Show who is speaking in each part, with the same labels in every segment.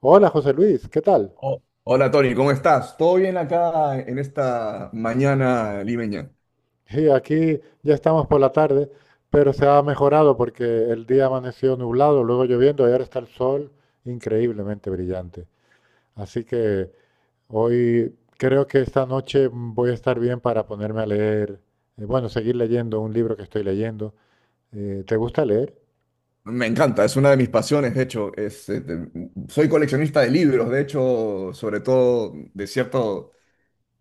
Speaker 1: Hola José Luis, ¿qué tal?
Speaker 2: Oh, hola Tony, ¿cómo estás? ¿Todo bien acá en esta mañana limeña?
Speaker 1: Sí, aquí ya estamos por la tarde, pero se ha mejorado porque el día amaneció nublado, luego lloviendo y ahora está el sol increíblemente brillante. Así que hoy creo que esta noche voy a estar bien para ponerme a leer, bueno, seguir leyendo un libro que estoy leyendo. ¿Te gusta leer?
Speaker 2: Me encanta, es una de mis pasiones, de hecho. Es, este, soy coleccionista de libros, de hecho, sobre todo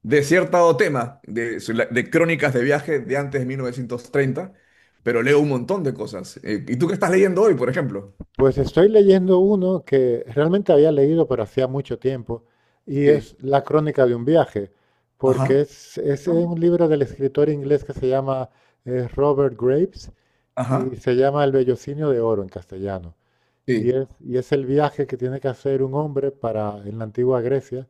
Speaker 2: de cierto tema, de crónicas de viaje de antes de 1930. Pero leo un montón de cosas. ¿Y tú qué estás leyendo hoy, por ejemplo?
Speaker 1: Pues estoy leyendo uno que realmente había leído, pero hacía mucho tiempo, y
Speaker 2: Sí.
Speaker 1: es La crónica de un viaje, porque
Speaker 2: Ajá.
Speaker 1: es
Speaker 2: Ah, mira.
Speaker 1: un libro del escritor inglés que se llama Robert Graves, y
Speaker 2: Ajá.
Speaker 1: se llama El vellocinio de oro en castellano. Y
Speaker 2: Sí,
Speaker 1: es, y es el viaje que tiene que hacer un hombre para en la antigua Grecia.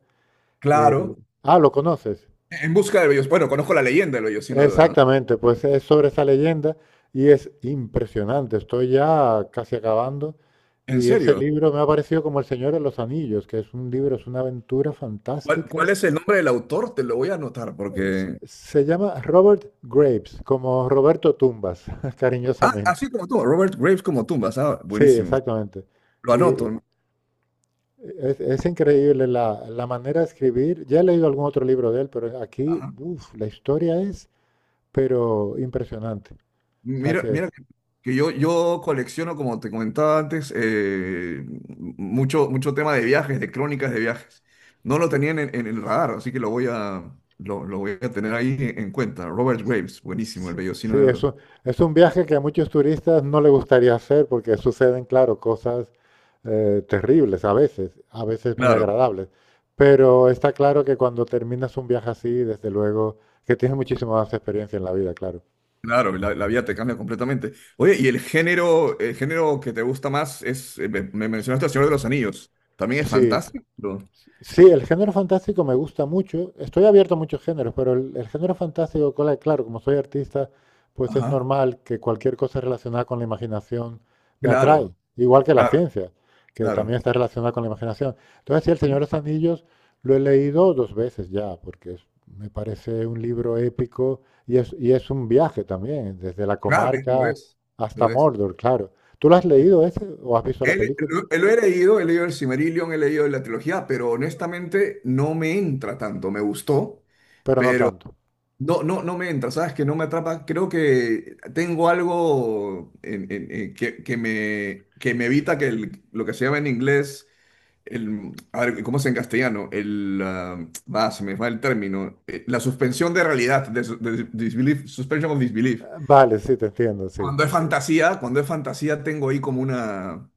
Speaker 1: Eh,
Speaker 2: claro.
Speaker 1: ¿Lo conoces?
Speaker 2: En busca del Bello. Bueno, conozco la leyenda del Bellocino de Oro, ¿no?
Speaker 1: Exactamente, pues es sobre esa leyenda y es impresionante. Estoy ya casi acabando
Speaker 2: ¿En
Speaker 1: y ese
Speaker 2: serio?
Speaker 1: libro me ha parecido como El Señor de los Anillos, que es un libro, es una aventura
Speaker 2: ¿Cuál,
Speaker 1: fantástica.
Speaker 2: cuál es el nombre del autor? Te lo voy a anotar porque...
Speaker 1: Se llama Robert Graves, como Roberto Tumbas,
Speaker 2: Ah,
Speaker 1: cariñosamente.
Speaker 2: así como tú, Robert Graves como tumbas. Ah,
Speaker 1: Sí,
Speaker 2: buenísimo.
Speaker 1: exactamente.
Speaker 2: Lo anoto,
Speaker 1: Y
Speaker 2: ¿no?
Speaker 1: es increíble la manera de escribir. Ya he leído algún otro libro de él, pero aquí,
Speaker 2: Ajá.
Speaker 1: uf, la historia es, pero impresionante. O sea
Speaker 2: Mira,
Speaker 1: que
Speaker 2: mira que yo colecciono, como te comentaba antes, mucho, mucho tema de viajes, de crónicas de viajes. No lo tenían en el radar, así que lo voy a tener ahí en cuenta. Robert Graves, buenísimo, el
Speaker 1: sí,
Speaker 2: vellocino de oro.
Speaker 1: es un viaje que a muchos turistas no les gustaría hacer porque suceden, claro, cosas terribles a veces muy
Speaker 2: Claro.
Speaker 1: agradables. Pero está claro que cuando terminas un viaje así, desde luego, que tienes muchísima más experiencia en la vida, claro.
Speaker 2: Claro, la vida te cambia completamente. Oye, ¿y el género que te gusta más es, me mencionaste El Señor de los Anillos, también es
Speaker 1: Sí,
Speaker 2: fantástico.
Speaker 1: sí, el género fantástico me gusta mucho. Estoy abierto a muchos géneros, pero el género fantástico, claro, como soy artista, pues es
Speaker 2: Ajá,
Speaker 1: normal que cualquier cosa relacionada con la imaginación me atrae,
Speaker 2: claro,
Speaker 1: igual que la
Speaker 2: claro,
Speaker 1: ciencia, que
Speaker 2: claro.
Speaker 1: también está relacionada con la imaginación. Entonces, sí, El Señor de los Anillos lo he leído dos veces ya, porque me parece un libro épico y es un viaje también, desde la
Speaker 2: Claro, es que lo
Speaker 1: comarca
Speaker 2: es,
Speaker 1: hasta
Speaker 2: lo es.
Speaker 1: Mordor, claro. ¿Tú lo has leído ese o has visto la
Speaker 2: Él,
Speaker 1: película?
Speaker 2: lo he leído el Silmarillion, he leído la trilogía, pero honestamente no me entra tanto, me gustó,
Speaker 1: Pero no
Speaker 2: pero
Speaker 1: tanto.
Speaker 2: no, no, no me entra, ¿sabes? Que no me atrapa, creo que tengo algo que me evita que el- lo que se llama en inglés el, a ver, ¿cómo es en castellano? El, va, se me va el término. La suspensión de realidad, de, su- de disbelief, suspension of disbelief.
Speaker 1: Vale, sí, te entiendo, sí.
Speaker 2: Cuando es fantasía tengo ahí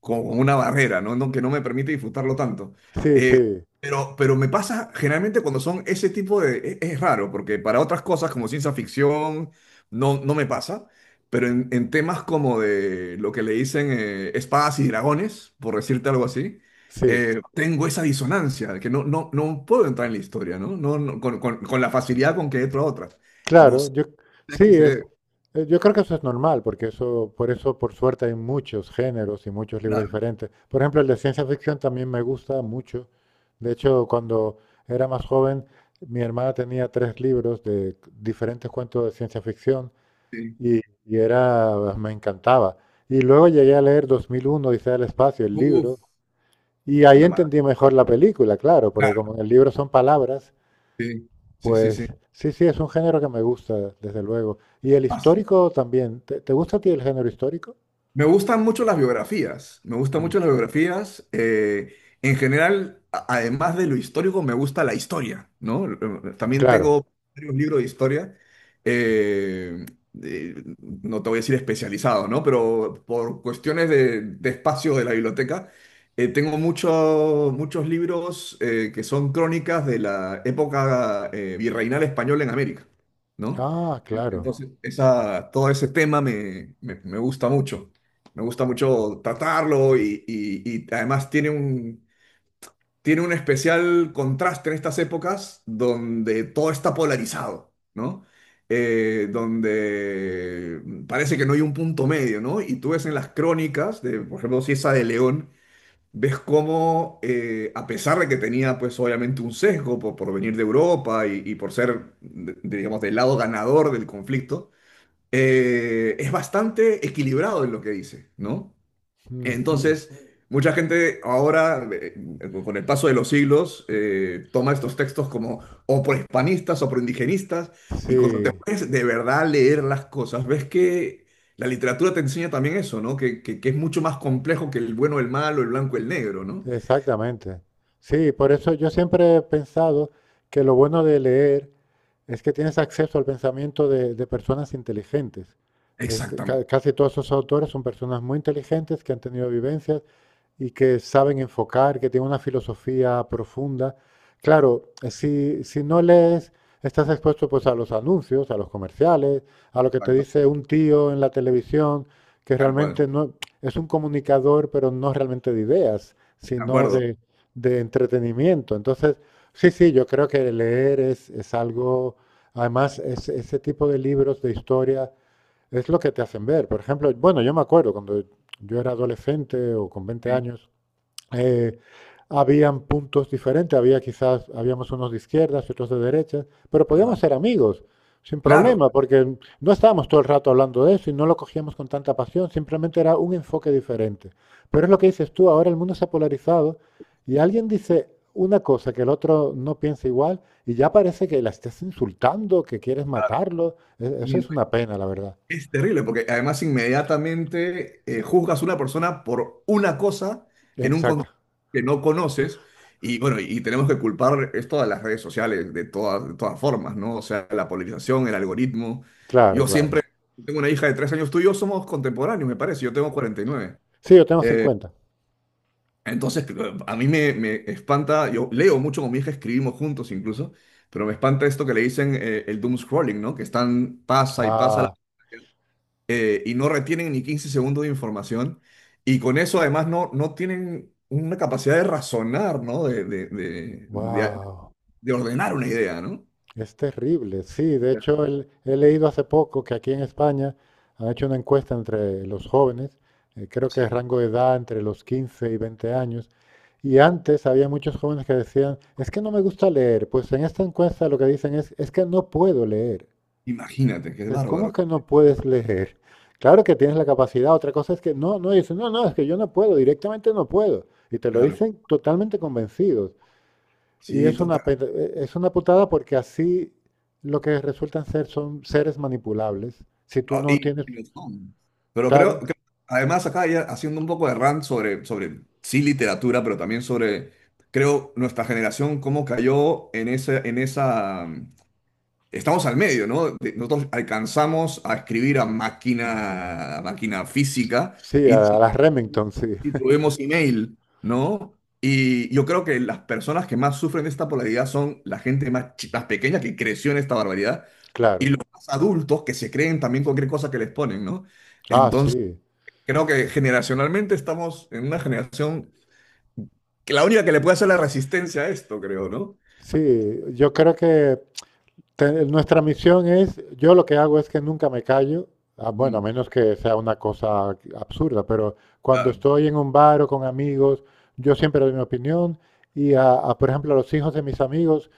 Speaker 2: como una barrera, ¿no? No, que no me permite disfrutarlo tanto.
Speaker 1: Sí,
Speaker 2: Eh,
Speaker 1: sí,
Speaker 2: pero me pasa generalmente cuando son ese tipo de... es raro, porque para otras cosas como ciencia ficción no, no me pasa, pero en temas como de lo que le dicen espadas y dragones, por decirte algo así,
Speaker 1: sí.
Speaker 2: tengo esa disonancia, de que no, no, no puedo entrar en la historia, ¿no? No, no, con la facilidad con que entro a otras. No
Speaker 1: Claro,
Speaker 2: sé
Speaker 1: yo
Speaker 2: a
Speaker 1: sí
Speaker 2: qué se debe.
Speaker 1: es. Yo creo que eso es normal, porque eso, por eso, por suerte, hay muchos géneros y muchos libros
Speaker 2: Claro,
Speaker 1: diferentes. Por ejemplo, el de ciencia ficción también me gusta mucho. De hecho, cuando era más joven, mi hermana tenía tres libros de diferentes cuentos de ciencia ficción
Speaker 2: sí.
Speaker 1: y era, me encantaba. Y luego llegué a leer 2001, Odisea del Espacio, el libro,
Speaker 2: Uf,
Speaker 1: y ahí
Speaker 2: una mala.
Speaker 1: entendí mejor la película, claro, porque
Speaker 2: Claro,
Speaker 1: como en el libro son palabras.
Speaker 2: sí, sí, sí, sí.
Speaker 1: Pues sí, sí, es un género que me gusta, desde luego. Y el histórico también. ¿Te, te gusta a ti el género histórico?
Speaker 2: Me gustan mucho las biografías, me gustan
Speaker 1: Mm,
Speaker 2: mucho las biografías. En general, a- además de lo histórico, me gusta la historia, ¿no? También
Speaker 1: claro.
Speaker 2: tengo varios libros de historia, eh, eh, no te voy a decir especializado, ¿no? Pero por cuestiones de espacio de la biblioteca, tengo mucho- muchos libros que son crónicas de la época virreinal española en América, ¿no?
Speaker 1: Ah, claro.
Speaker 2: Entonces, esa, todo ese tema me me- me gusta mucho. Me gusta mucho tratarlo y además tiene un especial contraste en estas épocas donde todo está polarizado, ¿no? Donde parece que no hay un punto medio, ¿no? Y tú ves en las crónicas, de, por ejemplo, si esa de León, ves cómo, a pesar de que tenía, pues obviamente un sesgo por venir de Europa y por ser, de- digamos, del lado ganador del conflicto, es bastante equilibrado en lo que dice, ¿no?
Speaker 1: Mm, mm.
Speaker 2: Entonces, mucha gente ahora, con el paso de los siglos, toma estos textos como o prohispanistas o proindigenistas, y cuando te
Speaker 1: Sí,
Speaker 2: pones de verdad a leer las cosas, ves que la literatura te enseña también eso, ¿no? Que es mucho más complejo que el bueno, el malo, el blanco, el negro, ¿no?
Speaker 1: exactamente. Sí, por eso yo siempre he pensado que lo bueno de leer es que tienes acceso al pensamiento de personas inteligentes. Es
Speaker 2: Exactamente,
Speaker 1: casi todos esos autores son personas muy inteligentes que han tenido vivencias y que saben enfocar, que tienen una filosofía profunda. Claro, si, si no lees, estás expuesto pues a los anuncios, a los comerciales, a lo que te
Speaker 2: exacto,
Speaker 1: dice un tío en la televisión, que
Speaker 2: tal cual,
Speaker 1: realmente no es un comunicador, pero no realmente de ideas,
Speaker 2: de
Speaker 1: sino
Speaker 2: acuerdo.
Speaker 1: de entretenimiento. Entonces, sí, sí, yo creo que leer es algo, además, ese tipo de libros de historia es lo que te hacen ver. Por ejemplo, bueno, yo me acuerdo cuando yo era adolescente o con 20
Speaker 2: Sí,
Speaker 1: años, eh, habían puntos diferentes, había quizás, habíamos unos de izquierdas y otros de derechas, pero
Speaker 2: ajá.
Speaker 1: podíamos ser amigos sin
Speaker 2: Claro.
Speaker 1: problema, porque no estábamos todo el rato hablando de eso y no lo cogíamos con tanta pasión, simplemente era un enfoque diferente. Pero es lo que dices tú, ahora el mundo se ha polarizado y alguien dice una cosa que el otro no piensa igual y ya parece que la estás insultando, que quieres
Speaker 2: Claro.
Speaker 1: matarlo. Eso
Speaker 2: Y
Speaker 1: es una pena, la verdad.
Speaker 2: es terrible porque además inmediatamente juzgas a una persona por una cosa en un
Speaker 1: Exacto.
Speaker 2: que no conoces. Y bueno, y tenemos que culpar esto a las redes sociales de todas formas, ¿no? O sea, la polarización, el algoritmo.
Speaker 1: Claro,
Speaker 2: Yo
Speaker 1: claro.
Speaker 2: siempre tengo una hija de 3 años, tú y yo somos contemporáneos, me parece, yo tengo 49.
Speaker 1: Sí, lo tenemos en
Speaker 2: Eh,
Speaker 1: cuenta.
Speaker 2: entonces, cl- a mí me, me espanta, yo leo mucho con mi hija, escribimos juntos incluso, pero me espanta esto que le dicen el doom scrolling, ¿no? Que están, pasa y pasa
Speaker 1: Ah,
Speaker 2: y no retienen ni 15 segundos de información. Y con eso además no, no tienen una capacidad de razonar, ¿no?
Speaker 1: wow.
Speaker 2: De ordenar una idea, ¿no?
Speaker 1: Es terrible, sí. De hecho, he leído hace poco que aquí en España han hecho una encuesta entre los jóvenes, creo que de
Speaker 2: Sí.
Speaker 1: rango de edad entre los 15 y 20 años, y antes había muchos jóvenes que decían, es que no me gusta leer. Pues en esta encuesta lo que dicen es que no puedo leer.
Speaker 2: Imagínate, qué
Speaker 1: Dices, ¿cómo
Speaker 2: bárbaro.
Speaker 1: que no puedes leer? Claro que tienes la capacidad, otra cosa es que dicen, no, no, es que yo no puedo, directamente no puedo. Y te lo
Speaker 2: Claro,
Speaker 1: dicen totalmente convencidos. Y
Speaker 2: sí,
Speaker 1: es
Speaker 2: total.
Speaker 1: una, es una putada porque así lo que resultan ser son seres manipulables. Si tú
Speaker 2: Ah,
Speaker 1: no tienes,
Speaker 2: y no son. Pero creo
Speaker 1: claro,
Speaker 2: que además acá ya haciendo un poco de rant sobre, sobre, sí, literatura, pero también sobre, creo, nuestra generación, cómo cayó en ese, en esa... estamos al medio, ¿no? De- Nosotros alcanzamos a escribir a máquina física
Speaker 1: sí,
Speaker 2: y,
Speaker 1: a las Remington, sí,
Speaker 2: y tuvimos email, ¿no? Y yo creo que las personas que más sufren de esta polaridad son la gente más, chi- más pequeña que creció en esta barbaridad y
Speaker 1: claro.
Speaker 2: los más adultos que se creen también cualquier cosa que les ponen, ¿no?
Speaker 1: Ah,
Speaker 2: Entonces,
Speaker 1: sí,
Speaker 2: creo que generacionalmente estamos en una generación que la única que le puede hacer la resistencia a esto, creo, ¿no?
Speaker 1: sí, yo creo que nuestra misión es, yo lo que hago es que nunca me callo, ah, bueno, a
Speaker 2: Mm,
Speaker 1: menos que sea una cosa absurda, pero cuando
Speaker 2: claro.
Speaker 1: estoy en un bar o con amigos, yo siempre doy mi opinión y, a, por ejemplo, a los hijos de mis amigos,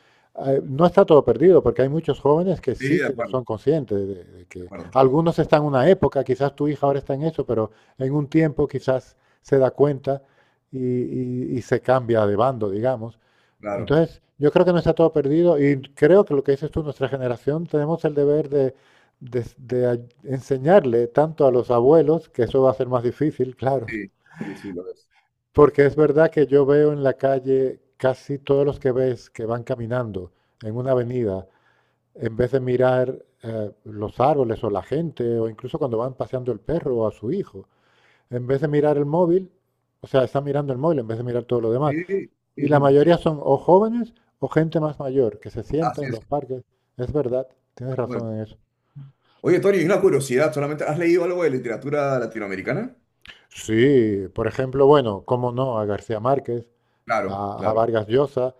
Speaker 1: no está todo perdido, porque hay muchos jóvenes que
Speaker 2: Sí,
Speaker 1: sí que son conscientes de
Speaker 2: de
Speaker 1: que
Speaker 2: acuerdo,
Speaker 1: algunos están en una época, quizás tu hija ahora está en eso, pero en un tiempo quizás se da cuenta y se cambia de bando, digamos.
Speaker 2: claro.
Speaker 1: Entonces, yo creo que no está todo perdido y creo que lo que dices tú, nuestra generación, tenemos el deber de, enseñarle tanto a los abuelos, que eso va a ser más difícil, claro,
Speaker 2: Sí, sí, sí, lo es.
Speaker 1: porque es verdad que yo veo en la calle casi todos los que ves que van caminando en una avenida, en vez de mirar los árboles o la gente, o incluso cuando van paseando el perro o a su hijo, en vez de mirar el móvil, o sea, están mirando el móvil en vez de mirar todo lo demás.
Speaker 2: Sí,
Speaker 1: Y
Speaker 2: sí,
Speaker 1: la
Speaker 2: sí, sí,
Speaker 1: mayoría son o jóvenes o gente más mayor que se sienta
Speaker 2: así
Speaker 1: en
Speaker 2: es.
Speaker 1: los parques. Es verdad, tienes
Speaker 2: Tal cual.
Speaker 1: razón en eso.
Speaker 2: Oye, Tony, una curiosidad, solamente, ¿has leído algo de literatura latinoamericana?
Speaker 1: Sí, por ejemplo, bueno, cómo no, a García Márquez,
Speaker 2: Claro,
Speaker 1: a
Speaker 2: claro.
Speaker 1: Vargas Llosa.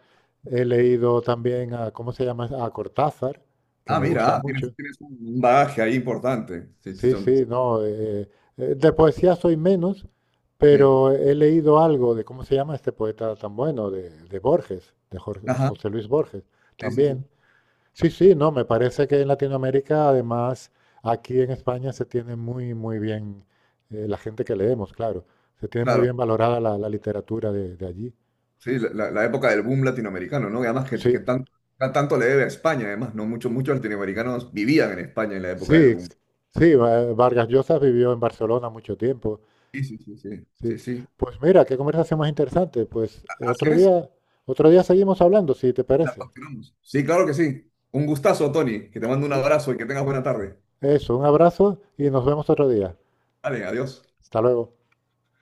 Speaker 1: He leído también a, ¿cómo se llama? A Cortázar, que
Speaker 2: Ah,
Speaker 1: me
Speaker 2: mira,
Speaker 1: gusta
Speaker 2: ah, tienes,
Speaker 1: mucho.
Speaker 2: tienes un bagaje ahí importante. Sí, sí,
Speaker 1: Sí,
Speaker 2: son-
Speaker 1: sí, no. De poesía soy menos,
Speaker 2: sí.
Speaker 1: pero he leído algo de, ¿cómo se llama este poeta tan bueno? De Borges, de
Speaker 2: Ajá,
Speaker 1: José Luis Borges,
Speaker 2: sí, sí,
Speaker 1: también.
Speaker 2: sí.
Speaker 1: Sí, sí, no, me parece que en Latinoamérica, además, aquí en España se tiene muy, muy bien, la gente que leemos, claro, se tiene muy
Speaker 2: Claro,
Speaker 1: bien valorada la literatura de allí.
Speaker 2: sí, la- la época del boom latinoamericano, ¿no? Y además que
Speaker 1: Sí,
Speaker 2: tan- tan- tanto le debe a España, además, ¿no? Muchos, muchos latinoamericanos vivían en España en la época del
Speaker 1: sí,
Speaker 2: boom.
Speaker 1: sí, Vargas Llosa vivió en Barcelona mucho tiempo.
Speaker 2: Sí, sí, sí, sí, sí,
Speaker 1: Sí.
Speaker 2: sí.
Speaker 1: Pues mira, qué conversación más interesante. Pues
Speaker 2: Así es,
Speaker 1: otro día seguimos hablando, si te
Speaker 2: la
Speaker 1: parece.
Speaker 2: continuamos. Sí, claro que sí. Un gustazo, Tony, que te mando un
Speaker 1: Y-
Speaker 2: abrazo y que tengas buena tarde.
Speaker 1: Eso, un abrazo y nos vemos otro día.
Speaker 2: Vale, adiós.
Speaker 1: Hasta luego.